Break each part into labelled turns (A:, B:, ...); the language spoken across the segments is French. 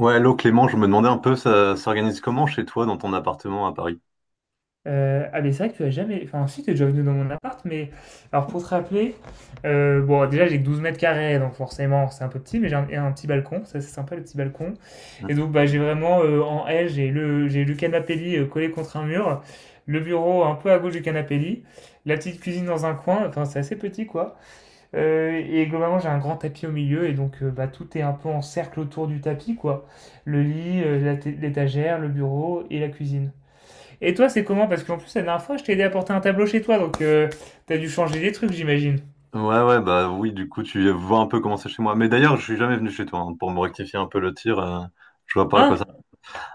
A: Ouais, l'eau Clément, je me demandais un peu, ça s'organise comment chez toi dans ton appartement à Paris?
B: Ah, mais c'est vrai que tu as jamais. Enfin, si, tu es déjà venu dans mon appart, mais. Alors, pour te rappeler, bon, déjà, j'ai que 12 mètres carrés, donc forcément, c'est un peu petit, mais j'ai un petit balcon, ça, c'est sympa, le petit balcon.
A: Hmm.
B: Et donc, bah, j'ai vraiment, en L, j'ai le canapé lit collé contre un mur, le bureau un peu à gauche du canapé lit, la petite cuisine dans un coin, enfin, c'est assez petit, quoi. Et globalement, j'ai un grand tapis au milieu, et donc, bah, tout est un peu en cercle autour du tapis, quoi. Le lit, l'étagère, le bureau et la cuisine. Et toi, c'est comment? Parce qu'en plus, la dernière fois, je t'ai aidé à porter un tableau chez toi, donc t'as dû changer des trucs, j'imagine.
A: Ouais, ouais, bah oui, du coup, tu vois un peu comment c'est chez moi. Mais d'ailleurs, je suis jamais venu chez toi, hein, pour me rectifier un peu le tir, je vois pas à quoi
B: Hein?
A: ça.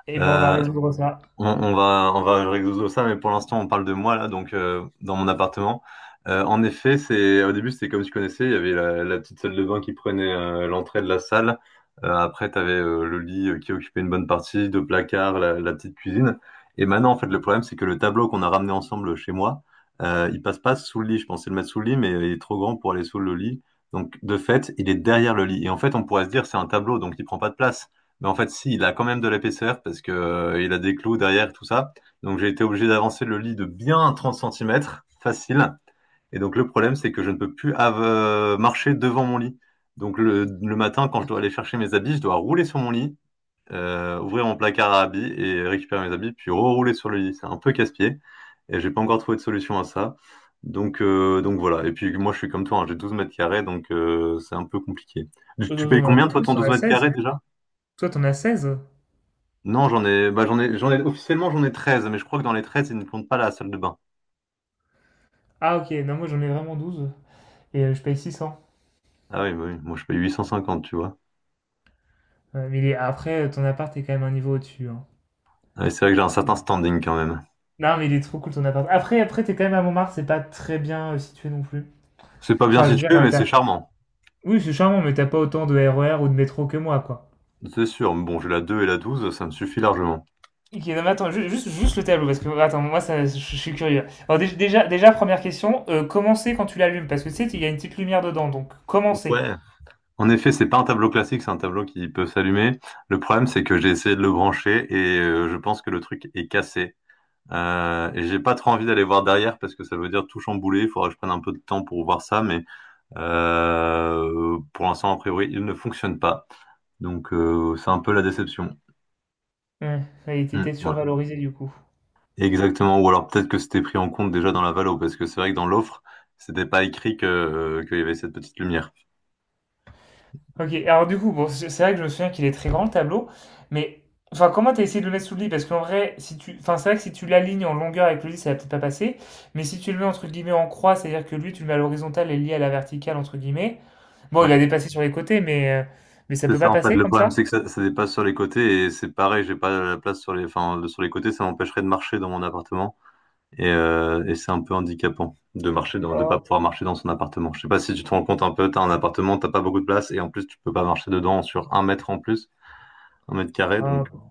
B: Eh ben, on va
A: euh,
B: résoudre ça.
A: on va résoudre ça, mais pour l'instant, on parle de moi, là, donc dans mon appartement. En effet, c'est au début, c'était comme tu connaissais, il y avait la petite salle de bain qui prenait l'entrée de la salle. Après, tu avais le lit qui occupait une bonne partie, deux placards, la petite cuisine. Et maintenant, en fait, le problème, c'est que le tableau qu'on a ramené ensemble chez moi, il passe pas sous le lit. Je pensais le mettre sous le lit, mais il est trop grand pour aller sous le lit. Donc, de fait, il est derrière le lit. Et en fait, on pourrait se dire, c'est un tableau, donc il prend pas de place. Mais en fait, si, il a quand même de l'épaisseur parce que il a des clous derrière, tout ça. Donc j'ai été obligé d'avancer le lit de bien 30 centimètres, facile. Et donc le problème, c'est que je ne peux plus marcher devant mon lit. Donc le matin, quand je dois aller chercher mes habits, je dois rouler sur mon lit, ouvrir mon placard à habits et récupérer mes habits, puis rerouler sur le lit. C'est un peu casse-pied. Et j'ai pas encore trouvé de solution à ça. Donc voilà. Et puis moi, je suis comme toi, hein, j'ai 12 mètres carrés, donc c'est un peu compliqué. Tu
B: Toi,
A: tu payes
B: t'en as un
A: combien,
B: peu
A: toi, ton
B: plus, on
A: 12
B: a
A: mètres carrés
B: 16.
A: déjà?
B: Toi, t'en as 16.
A: Non, bah, officiellement, j'en ai 13, mais je crois que dans les 13, ils ne comptent pas la salle de bain.
B: Ah, ok, non, moi, j'en ai vraiment 12. Et je paye 600.
A: Ah oui, bah oui, moi je paye 850, tu vois.
B: Ouais, mais après, ton appart est quand même un niveau au-dessus, hein.
A: Ah oui, c'est vrai que j'ai un certain standing quand même.
B: Non, mais il est trop cool, ton appart. Après, t'es quand même à Montmartre, c'est pas très bien situé non plus.
A: C'est pas bien
B: Enfin, je veux dire,
A: situé, mais c'est charmant.
B: oui, c'est charmant, mais t'as pas autant de RER ou de métro que moi, quoi.
A: C'est sûr, mais bon, j'ai la 2 et la douze, ça me suffit largement.
B: Ok, non, mais attends, juste le tableau, parce que attends, moi ça, je suis curieux. Alors, déjà, première question, comment c'est quand tu l'allumes? Parce que tu sais, il y a une petite lumière dedans, donc comment c'est?
A: Ouais. En effet, c'est pas un tableau classique, c'est un tableau qui peut s'allumer. Le problème, c'est que j'ai essayé de le brancher et je pense que le truc est cassé. Et j'ai pas trop envie d'aller voir derrière parce que ça veut dire tout chambouler. Il faudra que je prenne un peu de temps pour voir ça, mais pour l'instant, a priori, il ne fonctionne pas. Donc c'est un peu la déception.
B: Ouais, ouais, il était
A: Hmm,
B: peut-être
A: voilà.
B: survalorisé du coup.
A: Exactement. Ou alors peut-être que c'était pris en compte déjà dans la valo, parce que c'est vrai que dans l'offre, c'était pas écrit que, qu'il y avait cette petite lumière.
B: Ok, alors du coup, bon, c'est vrai que je me souviens qu'il est très grand le tableau, mais enfin, comment t'as essayé de le mettre sous le lit? Parce qu'en vrai, si tu, enfin, c'est vrai que si tu l'alignes en longueur avec le lit, ça va peut-être pas passer, mais si tu le mets entre guillemets en croix, c'est-à-dire que lui, tu le mets à l'horizontale et lié à la verticale, entre guillemets, bon, il
A: Ouais.
B: va dépasser sur les côtés, mais ça
A: C'est
B: peut
A: ça
B: pas
A: en fait.
B: passer
A: Le
B: comme
A: problème
B: ça?
A: c'est que ça dépasse sur les côtés et c'est pareil, j'ai pas la place sur les, enfin, sur les côtés, ça m'empêcherait de marcher dans mon appartement. Et c'est un peu handicapant de marcher dans, de pas
B: Oh,
A: pouvoir marcher dans son appartement. Je sais pas si tu te rends compte un peu, t'as un appartement, t'as pas beaucoup de place et en plus tu peux pas marcher dedans sur un mètre en plus, un mètre carré.
B: un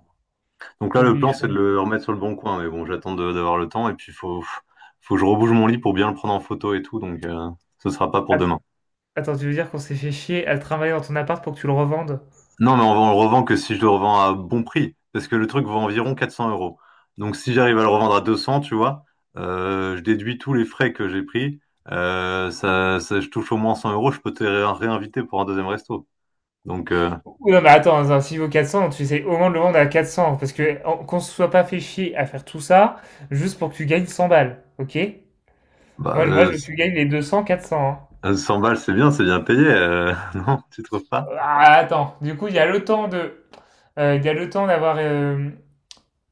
A: Donc là
B: pauvre
A: le plan c'est de
B: bichon.
A: le remettre sur le bon coin, mais bon j'attends d'avoir le temps et puis faut que je rebouge mon lit pour bien le prendre en photo et tout, donc ce sera pas pour
B: Att
A: demain.
B: attends, tu veux dire qu'on s'est fait chier à travailler dans ton appart pour que tu le revendes?
A: Non, mais on le revend que si je le revends à bon prix. Parce que le truc vaut environ 400 euros. Donc si j'arrive à le revendre à 200, tu vois, je déduis tous les frais que j'ai pris. Je touche au moins 100 euros. Je peux te réinviter pour un deuxième resto. Donc,
B: Ou non, mais attends, s'il vaut 400, tu essaies au moins de le vendre à 400, parce que qu'on se soit pas fait chier à faire tout ça, juste pour que tu gagnes 100 balles, ok?
A: bah,
B: Moi, je- moi, je veux que tu gagnes les 200, 400, hein.
A: 100 balles, c'est bien payé. Non, tu trouves pas?
B: Ah, attends, du coup, il y a le temps d'avoir...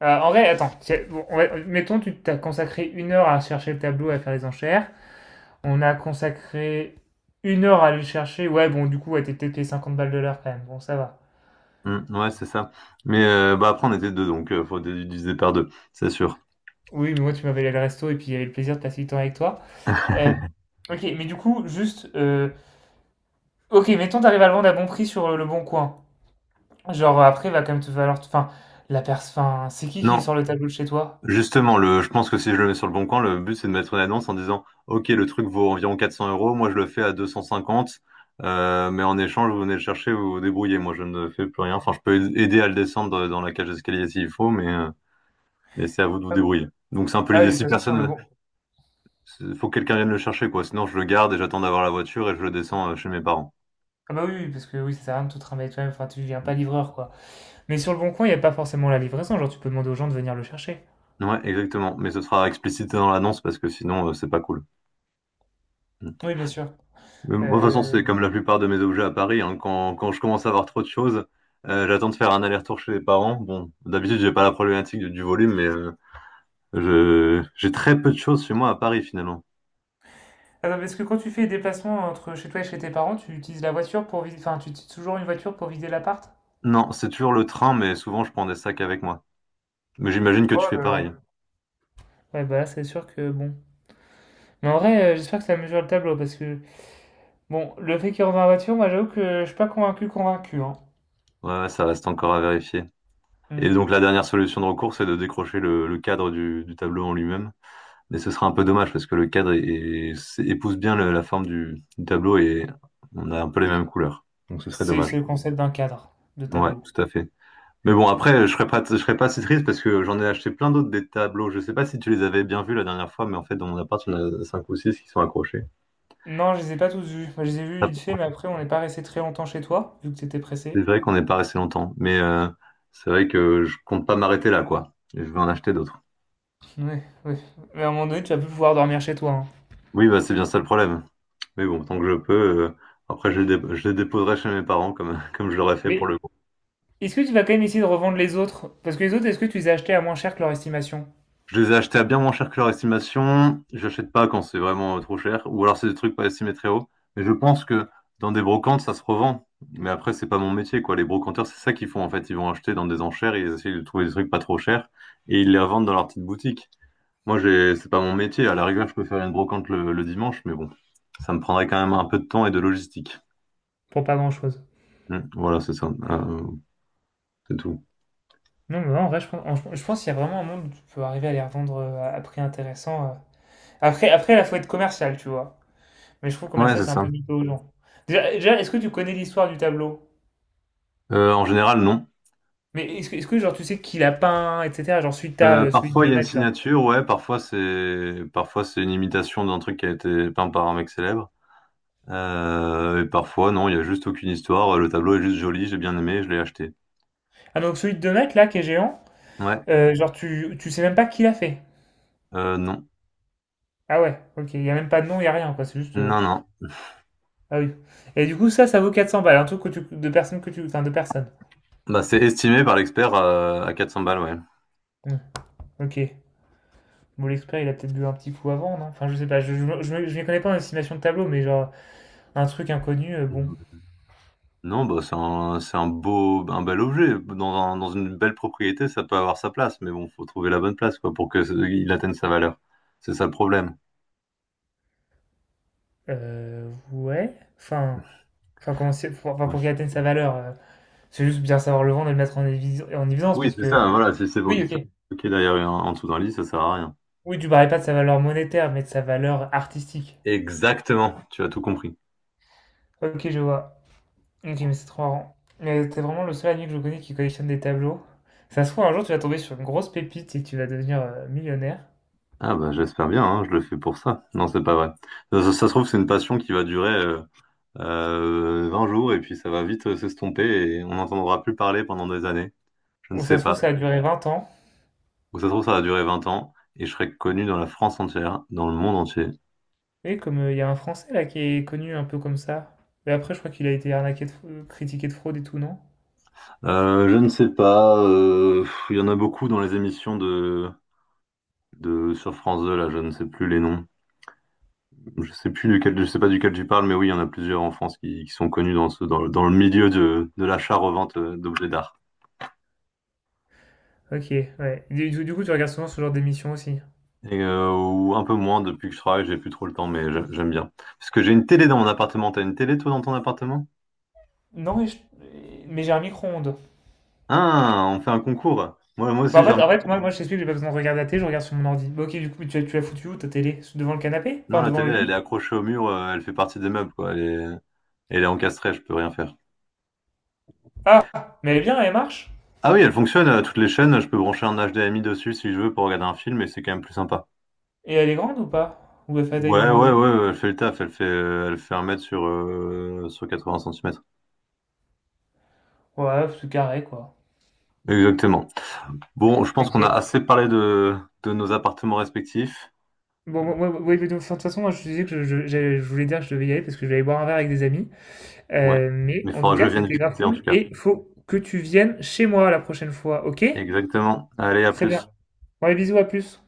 B: en vrai, attends, bon, mettons, tu t'as consacré une heure à chercher le tableau, à faire les enchères. On a consacré une heure à aller le chercher. Ouais, bon, du coup, ouais, t'es peut-être payé 50 balles de l'heure quand même. Bon, ça va.
A: Hmm, ouais, c'est ça. Mais bah, après, on était deux, donc faut diviser par deux, c'est sûr.
B: Oui, mais moi, tu m'avais allé le resto et puis il y avait le plaisir de passer du temps avec toi. Euh, ok, mais du coup, juste. Ok, mettons, t'arrives à le vendre à bon prix sur le bon coin. Genre, après, va quand même te falloir. Enfin, la personne. Enfin, c'est qui est
A: Non.
B: sur le tableau de chez toi?
A: Justement, je pense que si je le mets sur le bon coin, le but c'est de mettre une annonce en disant, OK, le truc vaut environ 400 euros, moi je le fais à 250, mais en échange, vous venez le chercher, vous vous débrouillez, moi je ne fais plus rien. Enfin, je peux aider à le descendre dans la cage d'escalier s'il faut, mais c'est à vous de vous
B: Ah,
A: débrouiller. Donc c'est un peu
B: ah oui,
A: l'idée.
B: de toute
A: Si
B: façon, sur le
A: personne,
B: bon.
A: faut que quelqu'un vienne le chercher, quoi. Sinon, je le garde et j'attends d'avoir la voiture et je le descends chez mes parents.
B: Ah bah oui, oui, parce que oui, ça sert à rien de tout trimballer toi-même. Enfin, tu viens pas livreur, quoi. Mais sur le bon coin, il n'y a pas forcément la livraison. Genre, tu peux demander aux gens de venir le chercher.
A: Ouais, exactement. Mais ce sera explicité dans l'annonce parce que sinon, c'est pas cool. Mm.
B: Oui, bien sûr.
A: Mais moi, de toute façon,
B: Euh...
A: c'est comme la plupart de mes objets à Paris, hein. Quand je commence à avoir trop de choses, j'attends de faire un aller-retour chez les parents. Bon, d'habitude, j'ai pas la problématique du volume, mais j'ai très peu de choses chez moi à Paris, finalement.
B: Ah non, parce que quand tu fais des déplacements entre chez toi et chez tes parents, tu utilises la voiture pour vider. Enfin, tu utilises toujours une voiture pour vider l'appart?
A: Non, c'est toujours le train, mais souvent, je prends des sacs avec moi. Mais j'imagine que
B: Oh
A: tu
B: là
A: fais
B: là.
A: pareil.
B: Ouais, bah là, c'est sûr que bon. Mais en vrai, j'espère que ça mesure le tableau parce que, bon, le fait qu'il rentre dans la voiture, moi j'avoue que je suis pas convaincu, convaincu, hein.
A: Ouais, ouais, ça reste encore à vérifier. Et
B: Mm.
A: donc, la dernière solution de recours, c'est de décrocher le cadre du tableau en lui-même. Mais ce sera un peu dommage parce que le cadre épouse bien la forme du tableau et on a un peu les mêmes couleurs. Donc, ce serait
B: C'est
A: dommage.
B: le concept d'un cadre de
A: Ouais,
B: tableau.
A: tout à fait. Mais bon, après, je serais pas si triste parce que j'en ai acheté plein d'autres des tableaux. Je sais pas si tu les avais bien vus la dernière fois, mais en fait, dans mon appart, il y en a cinq ou six qui sont accrochés.
B: Non, je les ai pas tous vus. Moi, je les ai vus vite
A: Ah,
B: fait, mais après, on n'est pas resté très longtemps chez toi, vu que t'étais
A: c'est
B: pressé.
A: vrai qu'on n'est pas resté longtemps, mais c'est vrai que je compte pas m'arrêter là, quoi. Je vais en acheter d'autres.
B: Ouais, ouais. Mais à un moment donné, tu vas plus pouvoir dormir chez toi, hein.
A: Oui, bah, c'est bien ça le problème. Mais bon, tant que je peux, euh, après, je les déposerai chez mes parents comme, comme je l'aurais fait pour
B: Mais
A: le
B: est-ce que tu vas quand même essayer de revendre les autres? Parce que les autres, est-ce que tu les as achetés à moins cher que leur estimation?
A: Je les ai achetés à bien moins cher que leur estimation. J'achète pas quand c'est vraiment trop cher. Ou alors c'est des trucs pas estimés très haut. Mais je pense que dans des brocantes, ça se revend. Mais après, c'est pas mon métier, quoi. Les brocanteurs, c'est ça qu'ils font, en fait. Ils vont acheter dans des enchères, ils essayent de trouver des trucs pas trop chers et ils les revendent dans leur petite boutique. Moi, j'ai, c'est pas mon métier. À la rigueur, je peux faire une brocante le dimanche, mais bon, ça me prendrait quand même un peu de temps et de logistique.
B: Pour pas grand-chose.
A: Hmm, voilà, c'est ça. C'est tout.
B: Non, mais en vrai, je pense qu'il y a vraiment un monde où tu peux arriver à les revendre à prix intéressant. Après, là, faut être commercial, tu vois. Mais je trouve
A: Ouais,
B: commercial,
A: c'est
B: c'est un peu
A: ça.
B: mytho aux gens. Déjà, est-ce que tu connais l'histoire du tableau?
A: En général, non.
B: Mais est-ce que genre, tu sais qui l'a peint, etc. Genre, celui que t'as, celui de
A: Parfois il
B: 2
A: y a une
B: mètres, là.
A: signature, ouais, parfois c'est une imitation d'un truc qui a été peint par un mec célèbre. Et parfois non, il y a juste aucune histoire, le tableau est juste joli, j'ai bien aimé, je l'ai acheté.
B: Ah, donc, celui de 2 mètres, là, qui est géant,
A: Ouais.
B: genre, tu sais même pas qui l'a fait.
A: Non.
B: Ah ouais, ok. Il y a même pas de nom, il y a rien, quoi. C'est juste.
A: Non, non.
B: Ah oui. Et du coup, ça vaut 400 balles. Un truc que tu, de personnes que tu, enfin, de personnes.
A: Bah c'est estimé par l'expert à 400 balles, ouais.
B: Hmm, ok. Bon, l'expert, il a peut-être bu un petit coup avant, non? Enfin, je sais pas. Je m'y connais pas en estimation de tableau, mais genre, un truc inconnu, bon.
A: Non, bah c'est un beau un bel objet. Dans dans une belle propriété, ça peut avoir sa place, mais bon, faut trouver la bonne place quoi pour que il atteigne sa valeur. C'est ça le problème.
B: Ouais. Enfin. Comment pour, enfin,
A: Ouais.
B: pour qu'il atteigne sa valeur. C'est juste bien savoir le vendre et le mettre en évidence
A: Oui,
B: parce
A: c'est
B: que.
A: ça, voilà, si c'est pour
B: Oui,
A: qu'il soit
B: ok.
A: bloqué derrière en dessous d'un lit, ça sert à rien.
B: Oui, tu parlais pas de sa valeur monétaire, mais de sa valeur artistique.
A: Exactement, tu as tout compris.
B: Ok, je vois. Ok, mais c'est trop marrant. Mais t'es vraiment le seul ami que je connais qui collectionne des tableaux. Ça se trouve, un jour, tu vas tomber sur une grosse pépite et tu vas devenir millionnaire.
A: Ah bah j'espère bien, hein, je le fais pour ça. Non, c'est pas vrai. Ça se trouve, c'est une passion qui va durer 20 jours et puis ça va vite s'estomper et on n'entendra plus parler pendant des années. Je ne
B: Ou ça
A: sais
B: se trouve,
A: pas.
B: ça a duré 20 ans.
A: Ou ça se trouve, ça va durer 20 ans et je serai connu dans la France entière, dans le monde entier.
B: Et comme il y a un Français là qui est connu un peu comme ça. Mais après, je crois qu'il a été arnaqué de, critiqué de fraude et tout, non?
A: Je ne sais pas. Il y en a beaucoup dans les émissions de sur France 2, là, je ne sais plus les noms. Je sais plus duquel, je sais pas duquel tu parles, mais oui, il y en a plusieurs en France qui sont connus dans dans le milieu de l'achat-revente d'objets d'art.
B: Ok, ouais. Du coup, tu regardes souvent ce genre d'émission aussi.
A: Et ou un peu moins depuis que je travaille, j'ai plus trop le temps, mais j'aime bien. Parce que j'ai une télé dans mon appartement. T'as une télé toi dans ton appartement?
B: Non, mais mais j'ai un micro-ondes.
A: Ah, on fait un concours. Moi, moi
B: Bah,
A: aussi
B: en
A: j'ai un
B: fait, en fait, moi,
A: micro.
B: moi je t'explique, j'ai pas besoin de regarder la télé, je regarde sur mon ordi. Bah, ok, du coup, mais tu l'as foutue où ta télé? Devant le canapé?
A: Non,
B: Enfin,
A: la
B: devant
A: télé,
B: le
A: elle est
B: lit?
A: accrochée au mur, elle fait partie des meubles, quoi. Elle est encastrée, je peux rien faire.
B: Ah! Mais elle est bien, elle marche?
A: Ah oui, elle fonctionne, toutes les chaînes, je peux brancher un HDMI dessus si je veux pour regarder un film, et c'est quand même plus sympa.
B: Et elle est grande ou pas? Ou elle fait la taille
A: Ouais,
B: d'un
A: ouais, ouais,
B: ordi?
A: ouais, elle fait le taf, elle fait, un mètre sur, 80 centimètres.
B: Ouais, c'est carré, quoi.
A: Exactement. Bon, je pense qu'on a
B: Ok.
A: assez parlé de nos appartements respectifs.
B: Bon, moi, de toute façon, moi, je te disais que je voulais dire que je devais y aller parce que je vais aller boire un verre avec des amis.
A: Ouais,
B: Mais
A: mais il
B: en tout
A: faudra que
B: cas,
A: je vienne
B: c'était grave
A: visiter en tout
B: cool
A: cas.
B: et faut que tu viennes chez moi la prochaine fois, ok?
A: Exactement. Allez, à
B: Très bien.
A: plus.
B: Bon, allez, bisous, à plus.